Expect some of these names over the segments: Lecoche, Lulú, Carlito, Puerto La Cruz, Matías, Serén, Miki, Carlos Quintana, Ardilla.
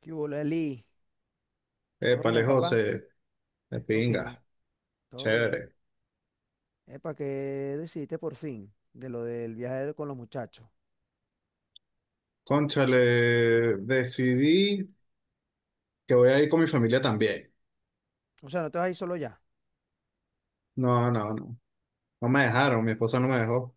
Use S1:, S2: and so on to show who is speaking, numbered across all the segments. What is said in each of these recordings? S1: ¿Qué hubo, Leli? ¿Todo
S2: Épale,
S1: bien, papá?
S2: José, de
S1: Todo fino,
S2: pinga,
S1: todo bien.
S2: chévere.
S1: Epa, ¿qué decidiste por fin de lo del viaje con los muchachos?
S2: Cónchale, decidí que voy a ir con mi familia también.
S1: O sea, no te vas a ir solo ya.
S2: No, no, no. No me dejaron, mi esposa no me dejó.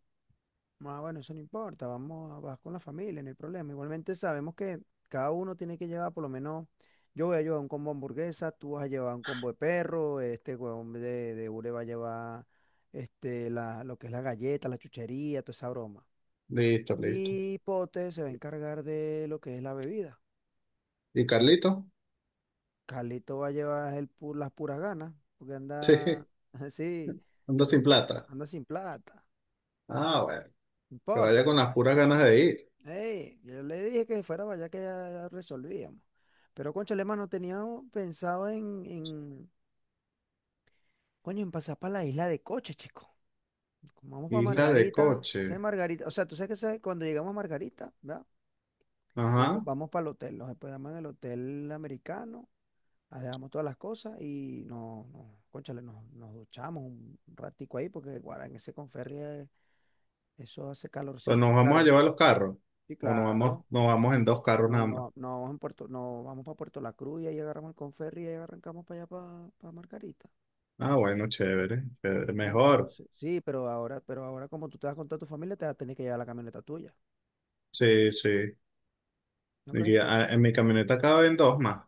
S1: Ah, bueno, eso no importa, vamos a vas con la familia, no hay problema. Igualmente sabemos que cada uno tiene que llevar por lo menos, yo voy a llevar un combo de hamburguesa, tú vas a llevar un combo de perro, este huevón de Ure va a llevar este, la, lo que es la galleta, la chuchería, toda esa broma.
S2: Listo, listo.
S1: Y Pote se va a encargar de lo que es la bebida.
S2: ¿Y Carlito?
S1: Calito va a llevar el las puras ganas, porque
S2: Sí,
S1: anda, sí,
S2: anda sin
S1: anda,
S2: plata.
S1: anda sin plata.
S2: Ah, bueno,
S1: No
S2: que vaya con
S1: importa.
S2: las
S1: Ay,
S2: puras ganas de ir.
S1: ey, yo le dije que fuera para allá que ya, ya resolvíamos. Pero, cónchale, no teníamos pensado coño, en pasar para la isla de Coche, chico. Como vamos para
S2: Isla de
S1: Margarita.
S2: coche.
S1: ¿Sabes Margarita? O sea, tú sabes que sabes, cuando llegamos a Margarita, ¿verdad? Primero
S2: Ajá.
S1: vamos para el hotel, nos hospedamos en el hotel americano. Dejamos todas las cosas y no, cónchale, nos duchamos un ratico ahí porque guarda, en ese Conferri eso hace
S2: Pues
S1: calorcito.
S2: nos vamos a
S1: Claro,
S2: llevar los carros.
S1: sí,
S2: O
S1: claro.
S2: nos vamos en dos carros nada más.
S1: No vamos en Puerto, no vamos para Puerto La Cruz y ahí agarramos el Conferri y ahí arrancamos para allá para Margarita.
S2: Ah, bueno, chévere, chévere. Mejor.
S1: Entonces, sí, pero ahora como tú te vas con toda tu familia, te vas a tener que llevar la camioneta tuya.
S2: Sí, sí.
S1: ¿No crees tú?
S2: En mi camioneta caben dos más.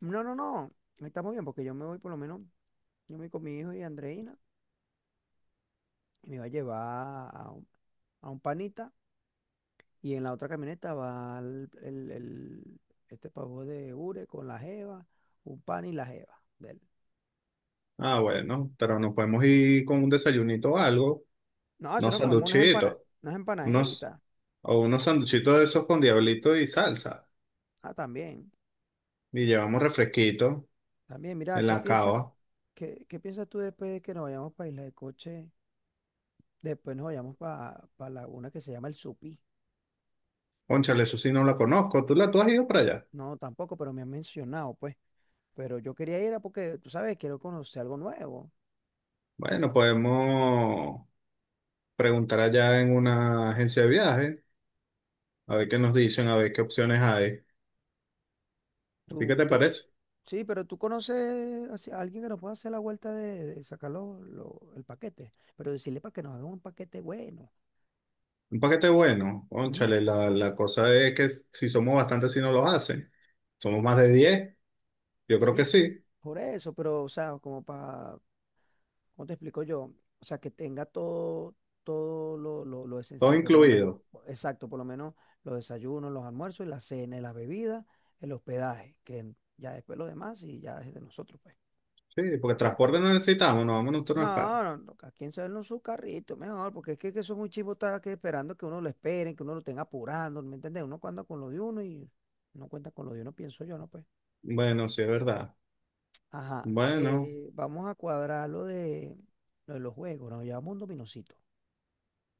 S1: No, no, no. Estamos bien porque yo me voy por lo menos, yo me voy con mi hijo y Andreina y me va a llevar a un panita. Y en la otra camioneta va este pavo de Ure con la jeva, un pan y la jeva de él.
S2: Ah, bueno, pero nos podemos ir con un desayunito o algo,
S1: No, eso
S2: unos
S1: no comemos
S2: sanduchitos,
S1: unas
S2: unos,
S1: empanaditas.
S2: o unos sanduchitos de esos con diablito y salsa,
S1: Ah, también.
S2: y llevamos refresquito
S1: También, mira,
S2: en la cava.
S1: qué, qué piensas tú después de que nos vayamos para Isla de Coche? Después nos vayamos para la una que se llama El Supí.
S2: Cónchale, eso sí no la conozco, ¿tú has ido para allá?
S1: No, tampoco, pero me han mencionado, pues. Pero yo quería ir a porque, tú sabes, quiero conocer algo nuevo.
S2: Bueno, podemos preguntar allá en una agencia de viaje, a ver qué nos dicen, a ver qué opciones hay. ¿A ti
S1: ¿Tú,
S2: qué te
S1: tú,
S2: parece?
S1: Sí, pero tú conoces así a alguien que nos pueda hacer la vuelta de sacar el paquete, pero decirle para que nos hagan un paquete bueno.
S2: Un paquete bueno,
S1: Ujú.
S2: cónchale, la cosa es que si somos bastantes, si no los hacen. Somos más de 10. Yo creo
S1: Sí,
S2: que sí,
S1: por eso, pero, o sea, como para, ¿cómo te explico yo? O sea, que tenga todo, todo lo, lo
S2: todo
S1: esencial, pero por lo menos,
S2: incluido.
S1: exacto, por lo menos los desayunos, los almuerzos, la cena, y las bebidas, el hospedaje, que ya después lo demás y ya es de nosotros, pues.
S2: Sí, porque
S1: Ok,
S2: transporte no necesitamos, no vamos en un turno.
S1: no, no, no, cada quien sabe en su carrito, mejor, porque es que son un chivo está que esperando que uno lo esperen, que uno lo tenga apurando, ¿me entiendes? Uno cuenta con lo de uno y no cuenta con lo de uno, pienso yo, ¿no? Pues.
S2: Bueno, sí, es verdad.
S1: Ajá,
S2: Bueno,
S1: vamos a cuadrar lo de los juegos, nos llevamos un dominocito.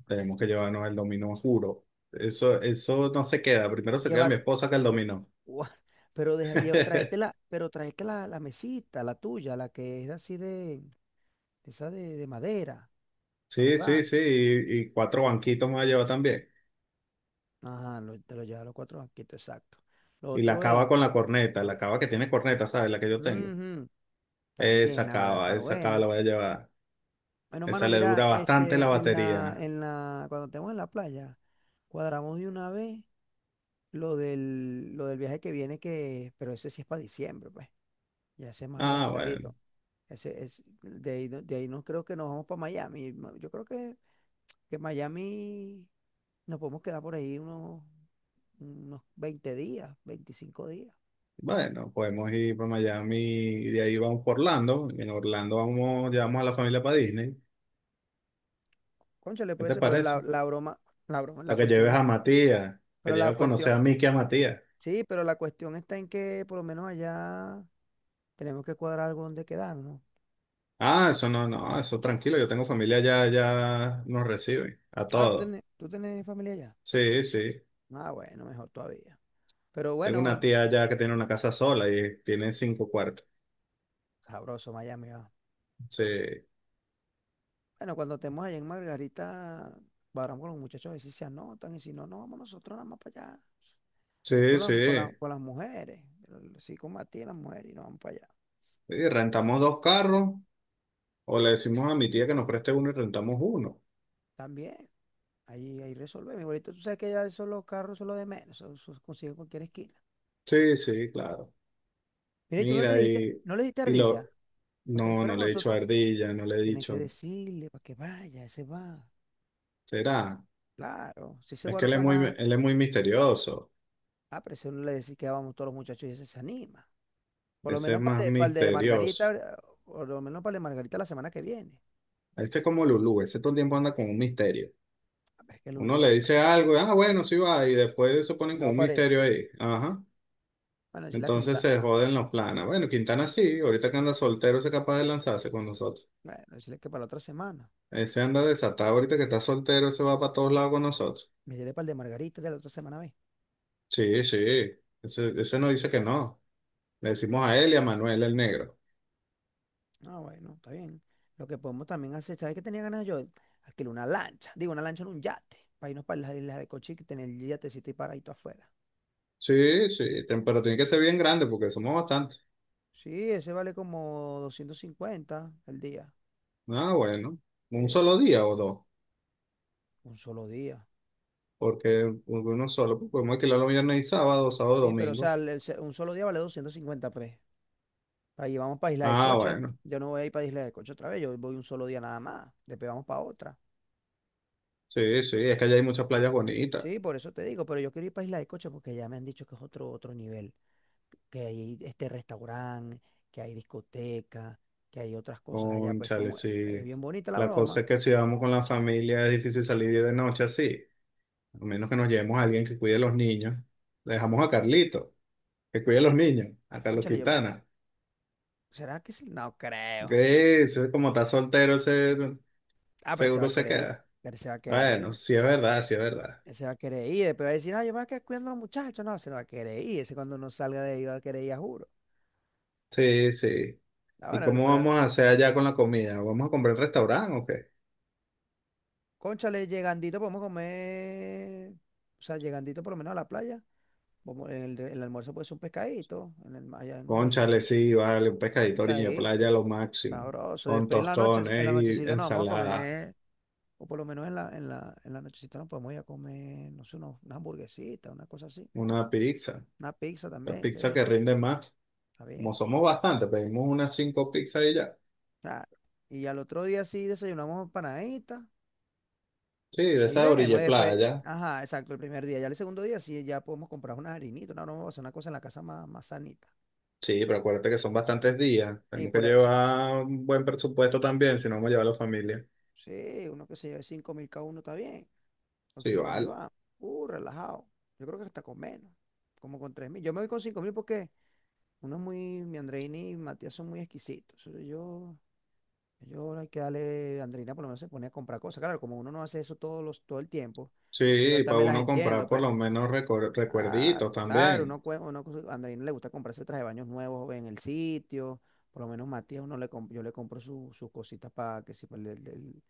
S2: tenemos que llevarnos el dominó, juro. Eso no se queda. Primero se queda
S1: Lleva,
S2: mi esposa que el
S1: lle-
S2: dominó.
S1: ua, pero deja, lleva, pero tráete la, la mesita, la tuya, la que es así de, esa de madera, para
S2: Sí, sí,
S1: jugar.
S2: sí. Y cuatro banquitos me va a llevar también.
S1: Ajá, te lo lleva los cuatro banquitos, exacto. Lo
S2: Y la
S1: otro es,
S2: cava con la corneta, la cava que tiene corneta, ¿sabes? La que yo tengo.
S1: ujú, también, ahora está
S2: Esa cava
S1: buena.
S2: la voy a llevar.
S1: Bueno,
S2: Esa
S1: mano,
S2: le
S1: mira,
S2: dura bastante
S1: este,
S2: la batería.
S1: cuando estemos en la playa, cuadramos de una vez lo del viaje que viene, que, pero ese sí es para diciembre, pues. Ya ese es más
S2: Ah, bueno.
S1: organizadito. Ese es, de ahí, de ahí no creo que nos vamos para Miami. Yo creo que Miami nos podemos quedar por ahí unos, unos 20 días, 25 días.
S2: Bueno, podemos ir para Miami y de ahí vamos por Orlando. En Orlando vamos, llevamos a la familia para Disney.
S1: Cónchale,
S2: ¿Qué
S1: puede
S2: te
S1: ser, pero la,
S2: parece?
S1: la broma, la broma, la
S2: Para que
S1: cuestión
S2: lleves
S1: es,
S2: a Matías, que
S1: pero la
S2: lleves a conocer
S1: cuestión.
S2: a Miki y a Matías.
S1: Sí, pero la cuestión está en que por lo menos allá tenemos que cuadrar algo donde quedarnos.
S2: Ah, eso no, no, eso tranquilo, yo tengo familia ya, ya nos reciben, a
S1: Ah,
S2: todos.
S1: tú tenés familia allá?
S2: Sí, sí.
S1: Ah, bueno, mejor todavía. Pero
S2: Tengo una
S1: bueno,
S2: tía allá que tiene una casa sola y tiene cinco cuartos.
S1: sabroso Miami va.
S2: Sí,
S1: Bueno, cuando estemos allá en Margarita, cuadramos con los muchachos a ver si se anotan y si no, no vamos nosotros nada más para allá. Así
S2: sí, sí.
S1: con las mujeres, así con Matías, y las mujeres y nos vamos para allá.
S2: Y rentamos dos carros, o le decimos a mi tía que nos preste uno y rentamos uno.
S1: También, ahí resolvemos. Igualito, tú sabes que ya esos los carros son los de menos, eso se consigue en cualquier esquina.
S2: Sí, sí, claro.
S1: Mira, y tú
S2: Mira,
S1: no le dijiste
S2: y
S1: ardilla,
S2: lo.
S1: porque
S2: No,
S1: fuera
S2: no
S1: con
S2: le he dicho a
S1: nosotros.
S2: Ardilla, no le he
S1: Tenés que
S2: dicho.
S1: decirle para que vaya, ese va.
S2: ¿Será?
S1: Claro, si ese
S2: Es
S1: guaro
S2: que él es
S1: está
S2: muy,
S1: más,
S2: él es muy misterioso.
S1: ah, pero si uno le decís que vamos todos los muchachos y ese se anima. Por lo
S2: Ese es
S1: menos para el,
S2: más
S1: de pa' el de Margarita,
S2: misterioso.
S1: por lo menos para el de Margarita la semana que viene.
S2: Ese es como Lulú, ese todo el tiempo anda con un misterio.
S1: A ver, es que
S2: Uno
S1: Lulo es
S2: le
S1: clase
S2: dice
S1: aparte.
S2: algo, y ah, bueno, sí va, y después se
S1: Y
S2: ponen
S1: no
S2: con un
S1: aparece.
S2: misterio ahí. Ajá.
S1: Bueno, decirle la
S2: Entonces
S1: quinta.
S2: se joden los planes. Bueno, Quintana sí, ahorita que anda soltero, ese es capaz de lanzarse con nosotros.
S1: Bueno, decirle que para la otra semana.
S2: Ese anda desatado, ahorita que está soltero, se va para todos lados con nosotros.
S1: Me diré para el de Margarita de la otra semana, ve.
S2: Sí, sí. Ese no dice que no. Le decimos a él y a Manuel, el negro.
S1: Ah, bueno, está bien. Lo que podemos también hacer, ¿sabes qué tenía ganas yo? Alquilar una lancha, digo, una lancha en un yate, para irnos para las islas de Cochi, que tener el yatecito y paradito afuera.
S2: Sí, sí, pero tiene que ser bien grande porque somos bastantes.
S1: Sí, ese vale como 250 el día.
S2: Ah, bueno, un
S1: eh,
S2: solo día o dos,
S1: un solo día.
S2: porque uno solo, pues, podemos alquilarlo viernes y sábado, sábado,
S1: Sí, pero o
S2: domingo.
S1: sea, un solo día vale 250 pues. Ahí vamos para Isla de
S2: Ah,
S1: Coche.
S2: bueno,
S1: Yo no voy a ir para Isla de Coche otra vez. Yo voy un solo día nada más. Después vamos para otra.
S2: sí, sí, es que allá hay muchas playas bonitas.
S1: Sí, por eso te digo, pero yo quiero ir para Isla de Coche porque ya me han dicho que es otro, otro nivel. Que hay este restaurante, que hay discoteca, que hay otras cosas allá. Pues
S2: Cónchale,
S1: como
S2: sí.
S1: es bien bonita la
S2: La cosa
S1: broma.
S2: es que si vamos con la familia es difícil salir de noche así, a menos que nos llevemos a alguien que cuide a los niños. Le dejamos a Carlito, que cuide a los niños, a Carlos
S1: Cónchale, yo.
S2: Quintana.
S1: ¿Será que sí? No creo. O sea, no.
S2: Que ese, como está soltero, ese
S1: Ah, pero se va
S2: seguro
S1: a
S2: se
S1: querer ir.
S2: queda.
S1: Pero se va a querer
S2: Bueno,
S1: ir.
S2: sí es verdad, sí es verdad.
S1: Se va a querer ir, después va a decir, ah, yo me voy a quedar cuidando a los muchachos. No, se no va a querer ir. Ese cuando no salga de ahí va a querer ir, a juro.
S2: Sí, sí.
S1: Ah,
S2: ¿Y
S1: bueno, bueno,
S2: cómo
S1: pero
S2: vamos a hacer allá con la comida? ¿Vamos a comprar en restaurante o qué?
S1: cónchale, llegandito podemos comer. O sea, llegandito por lo menos a la playa. Vamos, el almuerzo puede ser un pescadito en el, allá en la isla.
S2: Cónchale, sí, vale, un pescadito a orilla de
S1: Pescadito,
S2: playa lo máximo,
S1: sabroso.
S2: con
S1: Después en la noche, en la
S2: tostones y
S1: nochecita nos vamos a
S2: ensalada,
S1: comer, o por lo menos en la nochecita nos podemos ir a comer, no sé, una hamburguesita, una cosa así.
S2: una pizza,
S1: Una pizza
S2: la
S1: también,
S2: pizza
S1: sí,
S2: que rinde más.
S1: está bien.
S2: Como somos bastantes, pedimos unas cinco pizzas y ya.
S1: Claro. Y al otro día sí desayunamos empanaditas.
S2: Sí, de
S1: Ahí
S2: esa orilla
S1: vemos,
S2: de
S1: y después,
S2: playa.
S1: ajá, exacto, el primer día. Ya el segundo día sí, ya podemos comprar unas harinitas, una broma, una cosa en la casa más, más sanita.
S2: Sí, pero acuérdate que son bastantes días.
S1: Y
S2: Tenemos que
S1: por eso,
S2: llevar un buen presupuesto también, si no vamos a llevar a la familia.
S1: sí, uno que se lleve 5.000 cada uno está bien. Con
S2: Sí,
S1: 5.000
S2: vale.
S1: va, relajado. Yo creo que hasta con menos, como con 3.000. Yo me voy con 5.000 porque uno es muy, mi Andreini y Matías son muy exquisitos. Eso yo, yo hay que darle, Andreina por lo menos se pone a comprar cosas. Claro, como uno no hace eso todos los, todo el tiempo, entonces
S2: Sí,
S1: yo
S2: para
S1: también las
S2: uno comprar
S1: entiendo,
S2: por
S1: pues.
S2: lo menos recuerditos
S1: Claro, claro, uno,
S2: también.
S1: cue- uno, cu- a Andreina le gusta comprarse traje de baños nuevos en el sitio, por lo menos Matías, yo le compro sus cositas para que si pa'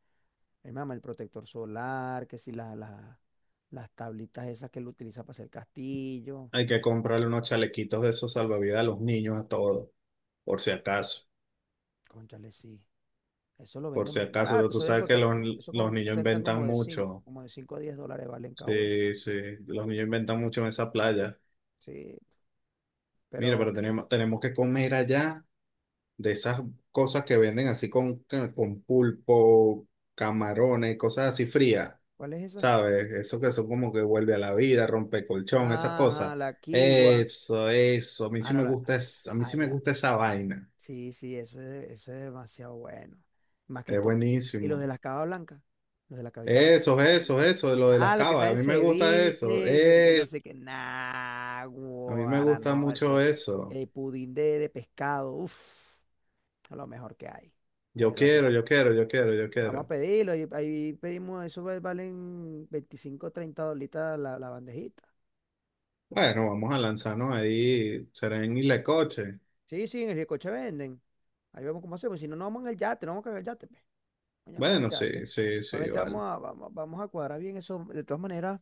S1: el mama, el protector solar, que si las tablitas esas que él utiliza para hacer castillo,
S2: Hay que comprarle unos chalequitos de esos salvavidas a los niños, a todos, por si acaso.
S1: cónchale, sí, eso lo
S2: Por si
S1: venden
S2: acaso, pero
S1: barato, eso,
S2: tú
S1: venden,
S2: sabes que
S1: eso
S2: los niños
S1: cuentan
S2: inventan mucho.
S1: como de 5 a 10 dólares valen cada uno,
S2: Sí, sí, los niños inventan mucho en esa playa.
S1: sí,
S2: Mira,
S1: pero
S2: pero tenemos que comer allá de esas cosas que venden así con pulpo, camarones, cosas así frías,
S1: ¿cuál es esa?
S2: ¿sabes? Eso que son como que vuelve a la vida, rompe colchón, esas cosas.
S1: Ajá, la Kiwa,
S2: Eso, a mí
S1: ah,
S2: sí
S1: no,
S2: me
S1: la,
S2: gusta, a mí sí me gusta esa vaina.
S1: sí, sí, eso es, eso es demasiado bueno. Más que
S2: Es
S1: todo. ¿Y los
S2: buenísimo.
S1: de las cabas blancas? Los de la cabita blanca
S2: Eso,
S1: salen ceviche.
S2: eso, eso, de lo de las
S1: Ah, los que
S2: cavas,
S1: salen
S2: a mí me gusta eso.
S1: ceviches, no sé qué. Nah,
S2: A mí me
S1: guara,
S2: gusta
S1: no, eso
S2: mucho
S1: es.
S2: eso.
S1: El pudín de pescado, uff, lo mejor que hay. De
S2: Yo
S1: verdad que
S2: quiero,
S1: sí.
S2: yo quiero, yo quiero, yo
S1: Vamos a
S2: quiero.
S1: pedirlo. Ahí pedimos, eso valen 25, 30 dolitas la, la bandejita.
S2: Bueno, vamos a lanzarnos ahí, Serén y Lecoche.
S1: Sí, sí, en el Ricoche venden. Ahí vemos cómo hacemos. Si no, no vamos en el yate, no vamos a cagar el yate. Pe. Vayamos al
S2: Bueno,
S1: yate.
S2: sí, sí, sí,
S1: Realmente
S2: vale.
S1: vamos a, vamos, vamos a cuadrar bien eso. De todas maneras,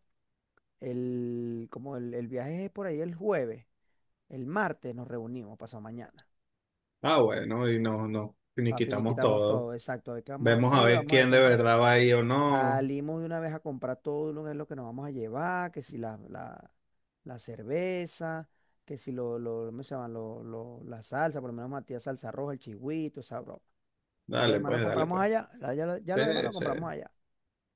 S1: el, como el viaje es por ahí el jueves, el martes nos reunimos, pasado mañana.
S2: Ah, bueno, y nos
S1: Para
S2: quitamos
S1: finiquitamos
S2: todo.
S1: todo, exacto. A ver qué vamos a
S2: Vemos a
S1: hacer,
S2: ver
S1: vamos a
S2: quién de
S1: comprar.
S2: verdad va ahí o no.
S1: Salimos de una vez a comprar todo lo que es lo que nos vamos a llevar, que si la, la, la cerveza, que si lo, lo, ¿cómo se llama? La salsa, por lo menos Matías salsa roja, el chigüito, esa broma. Ya lo
S2: Dale,
S1: demás lo
S2: pues, dale,
S1: compramos
S2: pues.
S1: allá, ya
S2: Sí,
S1: lo demás lo
S2: sí,
S1: compramos allá.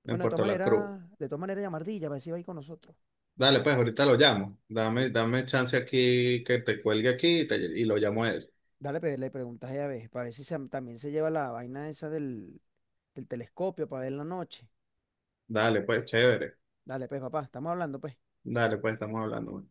S2: en
S1: Bueno,
S2: Puerto La Cruz.
S1: de todas maneras llamardilla, a ver si va ahí con nosotros.
S2: Dale, pues, ahorita lo llamo. Dame,
S1: Dale,
S2: dame chance aquí que te cuelgue aquí y, te- y lo llamo a él.
S1: dale, le preguntas ella a ver, para ver si también se lleva la vaina esa del, del telescopio para ver la noche.
S2: Dale, pues, chévere.
S1: Dale, pues, papá, estamos hablando, pues.
S2: Dale, pues, estamos hablando.